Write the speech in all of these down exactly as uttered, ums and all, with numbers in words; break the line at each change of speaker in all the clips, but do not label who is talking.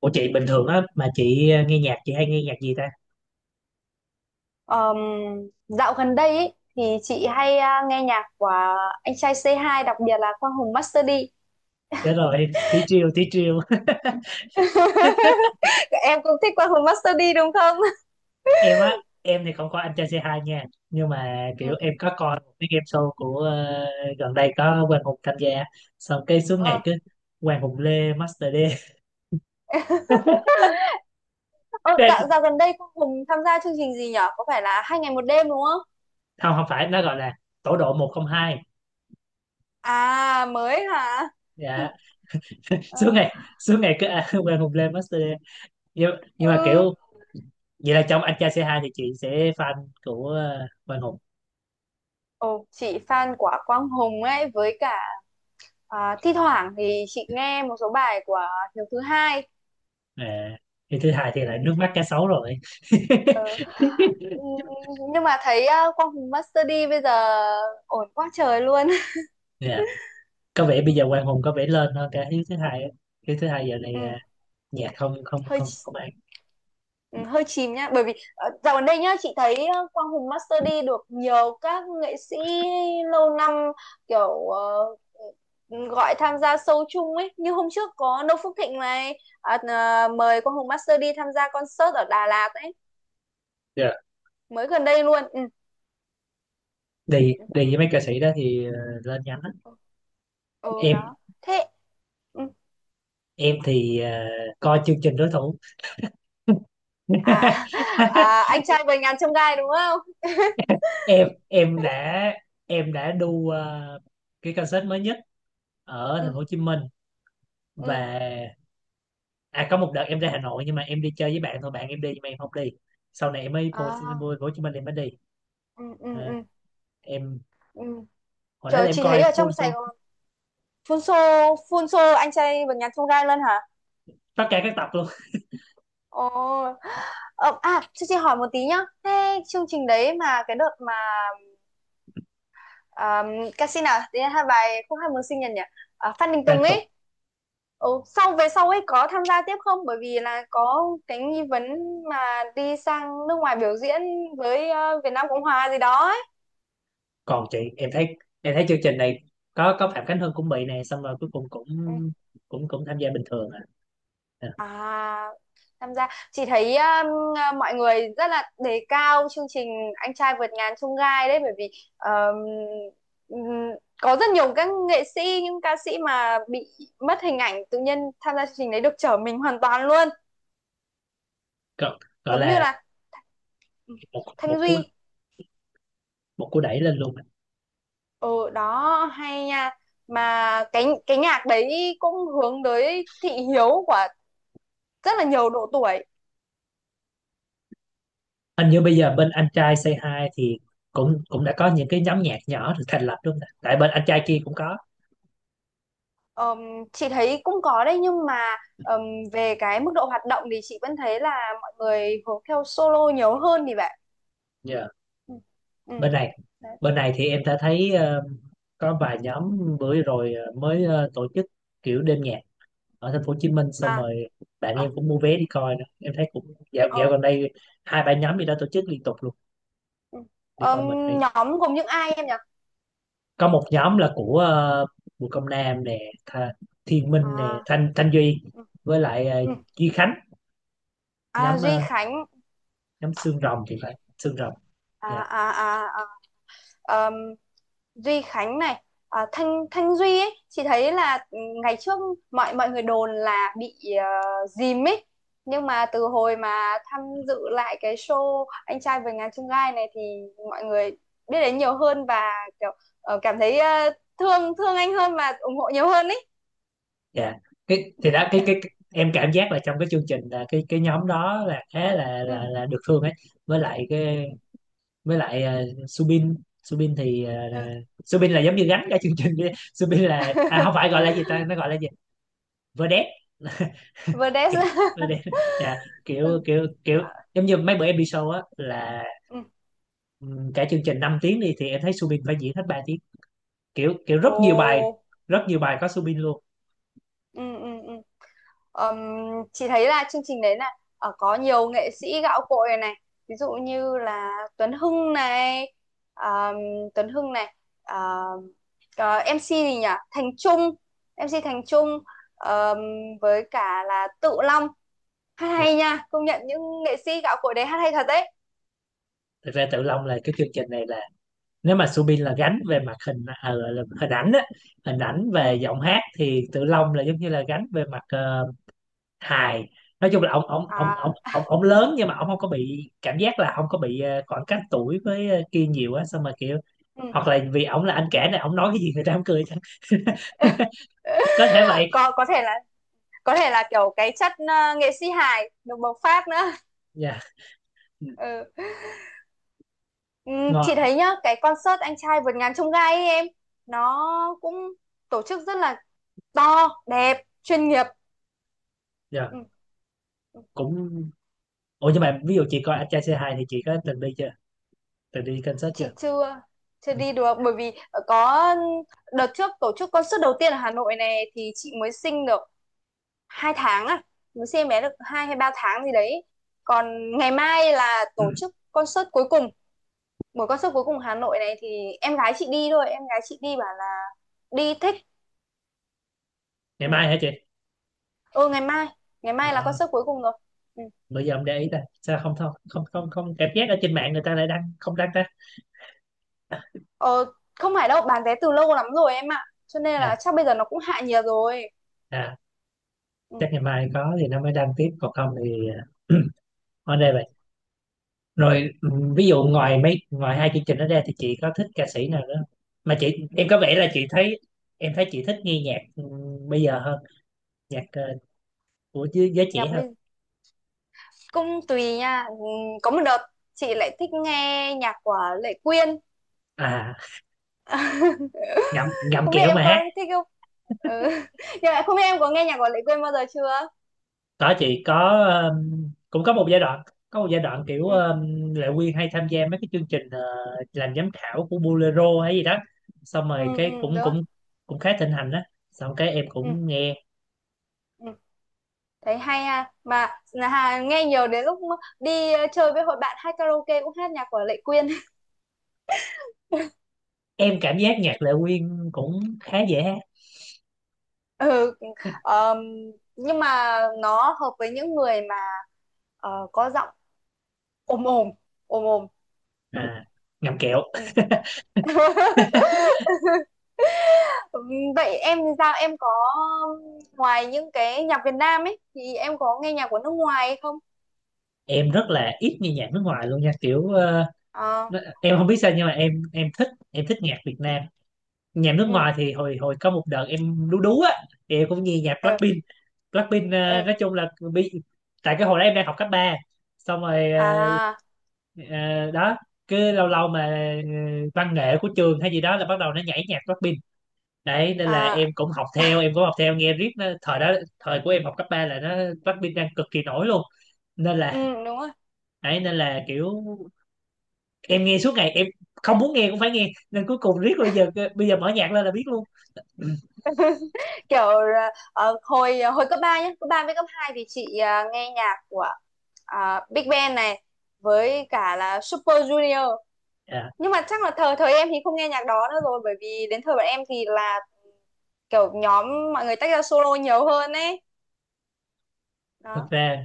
Ủa chị bình thường á mà chị ờ, nghe nhạc chị hay nghe nhạc gì ta?
Ờm, dạo gần đây ý, thì chị hay à, nghe nhạc của anh trai c hai, đặc biệt là Quang Hùng Master D.
Chết rồi, tí chiêu tí chiêu.
Em cũng thích Quang Hùng Master D đúng không?
Em á, em thì không có anh trai c hai nha, nhưng mà kiểu
Ừ.
em có coi một cái game show của ờ, gần đây có Quang Hùng tham gia, xong cái suốt ngày
Ờ,
cứ Quang Hùng Lê Master D.
Ờ,
Thế-
dạo, dạo gần đây Quang Hùng tham gia chương trình gì nhở? Có phải là hai ngày một đêm đúng không?
Không, không phải, nó gọi là tổ độ một không hai.
À mới hả? Ừ.
Dạ. Suốt
ờ,
ngày suốt ngày cứ à, Quang Hùng Lê Master D. Nhưng, nhưng mà
ừ.
kiểu vậy là trong anh trai c hai thì chị sẽ fan của ờ, Quang Hùng.
Ồ, chị fan của Quang Hùng ấy, với cả à, thi thoảng thì chị nghe một số bài của Hiếu thứ hai.
À, thì thứ hai thì lại
Ừ.
nước mắt cá sấu rồi.
ờ. Ừ, nhưng mà thấy ờ, Quang Hùng Master D bây giờ ổn quá trời luôn.
Nè, có vẻ bây
ừ,
giờ Quang Hùng có vẻ lên hơn cả Hiếu thứ hai á. Hiếu thứ hai giờ này
ừ,
à, nhạc không không
hơi
không
ch-
không ăn.
ừ, hơi chìm nhá, bởi vì ờ, dạo gần đây nhá chị thấy ờ, Quang Hùng Master D được nhiều các nghệ sĩ lâu năm kiểu ờ, gọi tham gia show chung ấy, như hôm trước có Noo Phước Thịnh này, à, à, mời Quang Hùng Master D tham gia concert ở Đà Lạt ấy,
Yeah.
mới gần đây luôn. Ừ.
đi
ừ
đi với mấy ca sĩ đó thì ờ, lên nhanh lắm.
ừ,
em
đó thế ừ.
em thì ờ, coi chương trình đối thủ.
à, à anh trai vầy ngàn chông gai đúng không?
em em đã em đã đu ờ, cái concert mới nhất ở thành
ừ
phố Hồ Chí Minh.
ừ
Và à, có một đợt em ra Hà Nội nhưng mà em đi chơi với bạn thôi, bạn em đi nhưng mà em không đi. Sau này em mới vô, vô,
à
vô Hồ Chí Minh em mới đi.
ừ ừ
À,
ừ
em
ừ
hồi đó là
Trời,
em
chị thấy
coi
ở
full
trong Sài
show
Gòn phun xô phun xô anh trai vượt ngàn chông gai luôn hả?
tất cả các tập luôn.
Ồ. ờ, à cho chị hỏi một tí nhá, thế chương trình đấy mà cái đợt mà um, ca sĩ nào đấy hai bài không hai mừng sinh nhật nhỉ, à, Phan Đình
Liên
Tùng
tục.
ấy, ừ, sau về sau ấy có tham gia tiếp không, bởi vì là có cái nghi vấn mà đi sang nước ngoài biểu diễn với ờ, Việt Nam Cộng Hòa gì đó ấy.
Còn chị, em thấy em thấy chương trình này có có Phạm Khánh Hưng cũng bị này, xong rồi cuối cùng cũng
Ừ.
cũng cũng tham gia bình thường à, à,
À, tham gia, chị thấy um, à, mọi người rất là đề cao chương trình Anh trai vượt ngàn chông gai đấy, bởi vì um, ừm, có rất nhiều các nghệ sĩ, những ca sĩ mà bị mất hình ảnh, tự nhiên tham gia chương trình đấy được trở mình hoàn toàn luôn,
gọi, gọi
giống như
là
là ừ,
một một
Thanh
cú
Duy.
một cú đẩy lên luôn.
Ừ đó hay nha, mà cái cái nhạc đấy cũng hướng tới thị hiếu của rất là nhiều độ tuổi.
Hình như bây giờ bên anh trai Say Hi thì cũng cũng đã có những cái nhóm nhạc nhỏ được thành lập luôn, tại bên anh trai kia cũng có.
Ờm, chị thấy cũng có đấy nhưng mà ờm, về cái mức độ hoạt động thì chị vẫn thấy là mọi người hướng theo solo nhiều hơn, thì vậy.
Dạ.
Ừ. Ừ.
bên này
Đấy.
bên này thì em đã thấy ờ, có vài nhóm, bữa rồi ờ, mới ờ, tổ chức kiểu đêm nhạc ở thành phố Hồ Chí Minh. Xong
À,
rồi bạn em
à,
cũng mua vé đi coi nữa, em thấy cũng dạo dạo
ờ,
gần đây hai ba nhóm gì đó tổ chức liên tục luôn.
ừ.
Đi
Ờm,
coi mình đi.
nhóm gồm những ai em nhỉ?
Có một nhóm là của ờ, Bùi Công Nam nè, Tha, Thiên Minh nè,
À,
Thanh Thanh Duy,
ừ.
với lại ờ,
ừ.
Duy Khánh,
À,
nhóm
Duy
ờ,
Khánh.
nhóm Xương Rồng thì phải, Xương Rồng.
À,
Dạ.
à, à, à. Ờm, Duy Khánh này, à, Thanh Thanh Duy ấy chị thấy là ừ, ngày trước mọi mọi người đồn là bị uh, dìm ấy, nhưng mà từ hồi mà tham dự lại cái show Anh trai vượt ngàn chông gai này thì mọi người biết đến nhiều hơn, và kiểu ờ, cảm thấy ờ, thương thương anh hơn và ủng hộ nhiều hơn ấy.
Dạ, cái thì đó cái, cái cái- em cảm giác là trong cái chương trình, là cái cái nhóm đó là khá là
Ừ.
là là được thương ấy. Với lại cái, với lại ờ, Subin. Subin thì ờ,
ừ.
là, Subin là giống như gánh cả chương trình đi. Subin là, à, không phải, gọi là gì ta, nó gọi là gì, vedette.
Verdes.
Kiểu- Vedette. Dạ.
ừ.
Kiểu kiểu kiểu
À,
giống như mấy bữa em đi show á, là
ừ.
ừm, cả chương trình năm tiếng đi thì em thấy Subin phải diễn hết ba tiếng. Kiểu kiểu
Ồ.
rất nhiều bài, rất nhiều bài có Subin luôn.
ừ ừ ừ. Ờm, chị thấy là chương trình đấy là ờ, có nhiều nghệ sĩ gạo cội này, ví dụ như là Tuấn Hưng này, ờm, Tuấn Hưng này ờ, ờ, em xê gì nhỉ, Thành Trung, em xê Thành Trung, ờm, với cả là Tự Long, hát
Dạ.
hay nha, công nhận những nghệ sĩ gạo cội đấy hát hay thật đấy.
Thực ra Tự Long là cái chương trình này, nếu mà Subin
Ừ.
là gánh về mặt hình ờ, là là hình ảnh á, hình ảnh về
ừ,
giọng hát, thì Tự Long là giống như là gánh về mặt ờ, hài. Nói chung là ông ông ông ông
À,
ông, ông lớn nhưng mà ông không có bị cảm giác là không có bị ờ, khoảng cách tuổi với ờ, kia nhiều á, xong mà kiểu,
ừ.
hoặc là vì ông là anh cả này, ông nói cái gì người ta cũng cười chẳng. Có thể vậy.
có có thể là có thể là kiểu cái chất ờ, nghệ sĩ hài được bộc phát nữa.
Dạ.
Ừ. Ừ, chị
Ngon.
thấy nhá cái concert anh trai vượt ngàn chông gai ấy em, nó cũng tổ chức rất là to đẹp, chuyên nghiệp.
Dạ
Ừ, ừ,
cũng. Ủa nhưng mà ví dụ chị coi anh trai xê hai thì chị có từng đi chưa, từng đi concert
chị
chưa?
chưa, chưa
Ừ.
đi được bởi vì có đợt trước tổ chức concert đầu tiên ở Hà Nội này, thì chị mới sinh được hai tháng, à, mới sinh em bé được hai hay ba tháng gì đấy, còn ngày mai là
Ừ.
tổ chức concert cuối cùng, buổi concert cuối cùng Hà Nội này, thì em gái chị đi thôi, em gái chị đi bảo là đi thích.
Ngày
Ừ.
mai hả chị?
ừ ngày mai, ngày mai là
Ờ.
concert cuối cùng rồi. Ừ.
Bây giờ ông để ý ta sao không không không không không cảm giác ở trên mạng người ta lại đăng không đăng ta.
Ờ, không phải đâu, bán vé từ lâu lắm rồi em ạ. Cho nên là
Nè,
chắc bây giờ nó cũng hạ nhiệt rồi.
à,
Ừ,
chắc ngày mai có thì nó mới đăng tiếp, còn không thì ở đây vậy. Rồi ừ, ví dụ ngoài mấy ngoài hai chương trình đó ra thì chị có thích ca sĩ nào nữa không? Mà chị, em có vẻ là chị thấy em thấy chị thích nghe nhạc, ừ, bây giờ hơn, nhạc ờ, của giới giới
nhạc
trẻ hơn.
bây cũng tùy nha. Ừ, có một đợt chị lại thích nghe nhạc của Lệ Quyên.
À, ngậm ngậm
Không biết
kẹo
em
mà ha.
có thích không? Ừ. Nhưng mà không biết em có nghe nhạc của Lệ Quyên bao giờ chưa?
Có, chị có um, cũng có một giai đoạn có một giai đoạn kiểu
Ừ,
um, Lệ Quyên hay tham gia mấy cái chương trình ờ, làm giám khảo của Bolero hay gì đó, xong
ừ,
rồi
ừ,
cái
đúng
cũng
rồi.
cũng cũng khá thịnh hành đó, xong cái em
Ừ,
cũng nghe.
ừ. Thấy hay ha. Mà là Hà nghe nhiều, đến lúc đi ờ, chơi với hội bạn hát karaoke cũng hát nhạc của Lệ Quyên.
Em cảm giác nhạc Lệ Quyên cũng khá dễ hát.
Ừ, ờm, nhưng mà nó hợp với những người Ờ, có giọng ồm ồm, ồm ồm. Ừ,
À, ngậm kẹo.
ừ. Vậy em thì sao? Em có ngoài những cái nhạc Việt Nam ấy thì em có nghe nhạc của nước ngoài hay không?
Em rất là ít nghe nhạc nước ngoài luôn nha, kiểu ờ,
Ờ,
nó- em không biết sao nhưng mà em em thích em thích nhạc Việt Nam. Nhạc nước
ừ,
ngoài thì hồi hồi có một đợt em đú đú á, thì em cũng nghe nhạc
ừ,
Blackpink. Blackpink ờ,
ừ.
nói chung là bị, tại cái hồi đó em đang học cấp ba, xong rồi ờ,
À,
ờ, đó. Cứ lâu lâu mà ờ, văn nghệ của trường hay gì đó là bắt đầu nó nhảy nhạc Blackpink. Đấy nên là em
à,
cũng học theo em cũng học theo nghe riết nó, thời đó, thời của em học cấp ba là nó Blackpink đang cực kỳ nổi luôn, nên là
ừ, đúng rồi.
đấy. Nên là kiểu em nghe suốt ngày, em không muốn nghe cũng phải nghe, nên cuối cùng riết bây giờ bây giờ mở nhạc lên là biết luôn.
Kiểu ờ, hồi hồi cấp ba nhá, cấp ba với cấp hai thì chị à, nghe nhạc của à, Big Bang này với cả là Super Junior.
À,
Nhưng mà chắc là thời thời em thì không nghe nhạc đó nữa rồi, bởi vì đến thời bọn em thì là kiểu nhóm, mọi người tách ra solo nhiều hơn ấy
thật
đó.
ra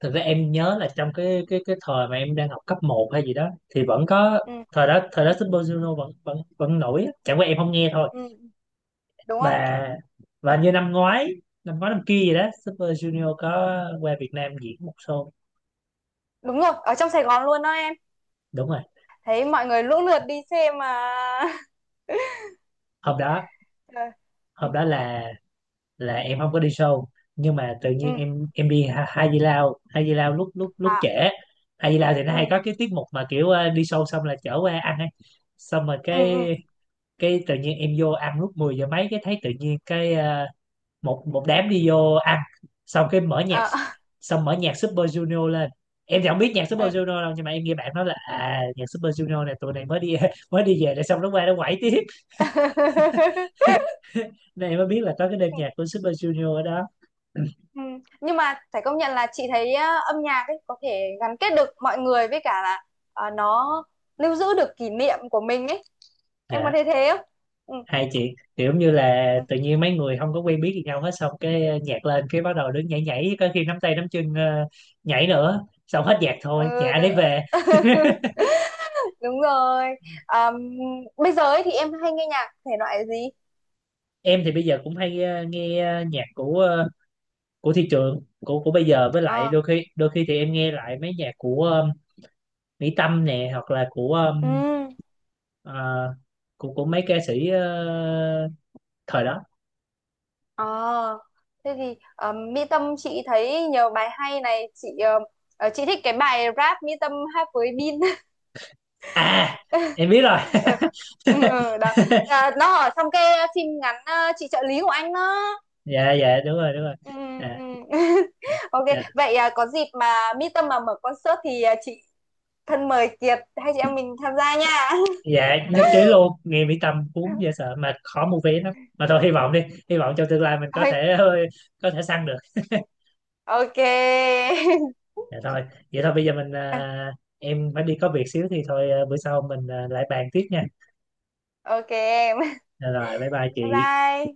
thực ra em nhớ là trong cái cái cái thời mà em đang học cấp một hay gì đó thì vẫn có,
Ừ,
thời đó thời đó Super Junior vẫn vẫn vẫn nổi á. Chẳng qua em không nghe thôi.
ừ, đúng rồi,
Và và như năm ngoái năm ngoái năm kia gì đó Super Junior có qua Việt Nam diễn một show.
đúng rồi, ở trong Sài Gòn luôn đó em,
Đúng rồi.
thấy mọi người lũ lượt đi xem mà.
hôm đó
Ờ, ừ,
hôm đó là là em không có đi show, nhưng mà tự
ừ,
nhiên em em đi Ha- Hai Di Lao Hai Di Lao lúc lúc lúc
à,
trễ. Hai Di Lao thì nó hay
ừ,
có cái tiết mục mà kiểu ờ, đi show xong là chở qua ăn ấy. Xong rồi
ừ,
cái
ừ,
cái tự nhiên em vô ăn lúc mười giờ mấy, cái thấy tự nhiên cái ờ, một một đám đi vô ăn, xong cái mở nhạc,
ờ,
xong mở nhạc Super Junior lên. Em thì không biết nhạc
ừ.
Super Junior đâu, nhưng mà em nghe bạn nói là, à, nhạc Super Junior này, tụi này mới đi mới đi về rồi xong nó qua nó quẩy tiếp. Nên em mới biết là có cái đêm
Ừ,
nhạc của Super Junior ở đó.
ừ. Nhưng mà phải công nhận là chị thấy á, âm nhạc ấy có thể gắn kết được mọi người, với cả là ờ, nó lưu giữ được kỷ niệm của mình ấy, em có
Dạ.
thấy thế không? Ừ.
Hai chị kiểu như là
ừ.
tự nhiên mấy người không có quen biết gì nhau hết, xong cái ờ, nhạc lên cái bắt đầu đứng nhảy nhảy, có khi nắm tay nắm chân ờ, nhảy nữa, xong hết nhạc thôi
ừ,
nhà
được.
đấy về.
đúng rồi. Ờm, bây giờ ấy thì em hay nghe nhạc thể loại gì?
Em thì bây giờ cũng hay ờ, nghe ờ, nhạc của ờ, của thị trường, của của bây giờ, với lại
Ờ
đôi khi đôi khi thì em nghe lại mấy nhạc của ờ, Mỹ Tâm nè, hoặc là của ờ,
ừ
ờ, của của mấy ca sĩ ờ, thời đó.
ờ thế thì um, Mỹ Tâm chị thấy nhiều bài hay này, chị ờ, ờ, chị thích cái bài rap Mỹ Tâm hát với Bin.
À, em biết rồi.
ừ. Ừ, ừ, đó, à, nó ở trong cái phim ngắn ờ, chị trợ lý của anh đó.
Dạ, dạ đúng rồi, đúng rồi.
Ừ,
À,
ừ.
à,
Ok.
dạ.
Vậy à, có dịp mà Mỹ Tâm mà mở concert thì à, chị thân mời Kiệt hai chị em mình tham gia nha.
Dạ nhất trí luôn, nghe Mỹ Tâm cuốn dễ sợ, mà khó mua vé lắm, mà thôi hy vọng đi, hy vọng trong tương lai mình có thể
Ôi,
ờ, có thể săn được.
ok.
Dạ thôi, vậy thôi bây giờ mình à, em phải đi có việc xíu thì thôi, à, bữa sau mình à, lại bàn tiếp nha.
Ok em.
Dạ rồi, bye bye
Bye
chị.
bye.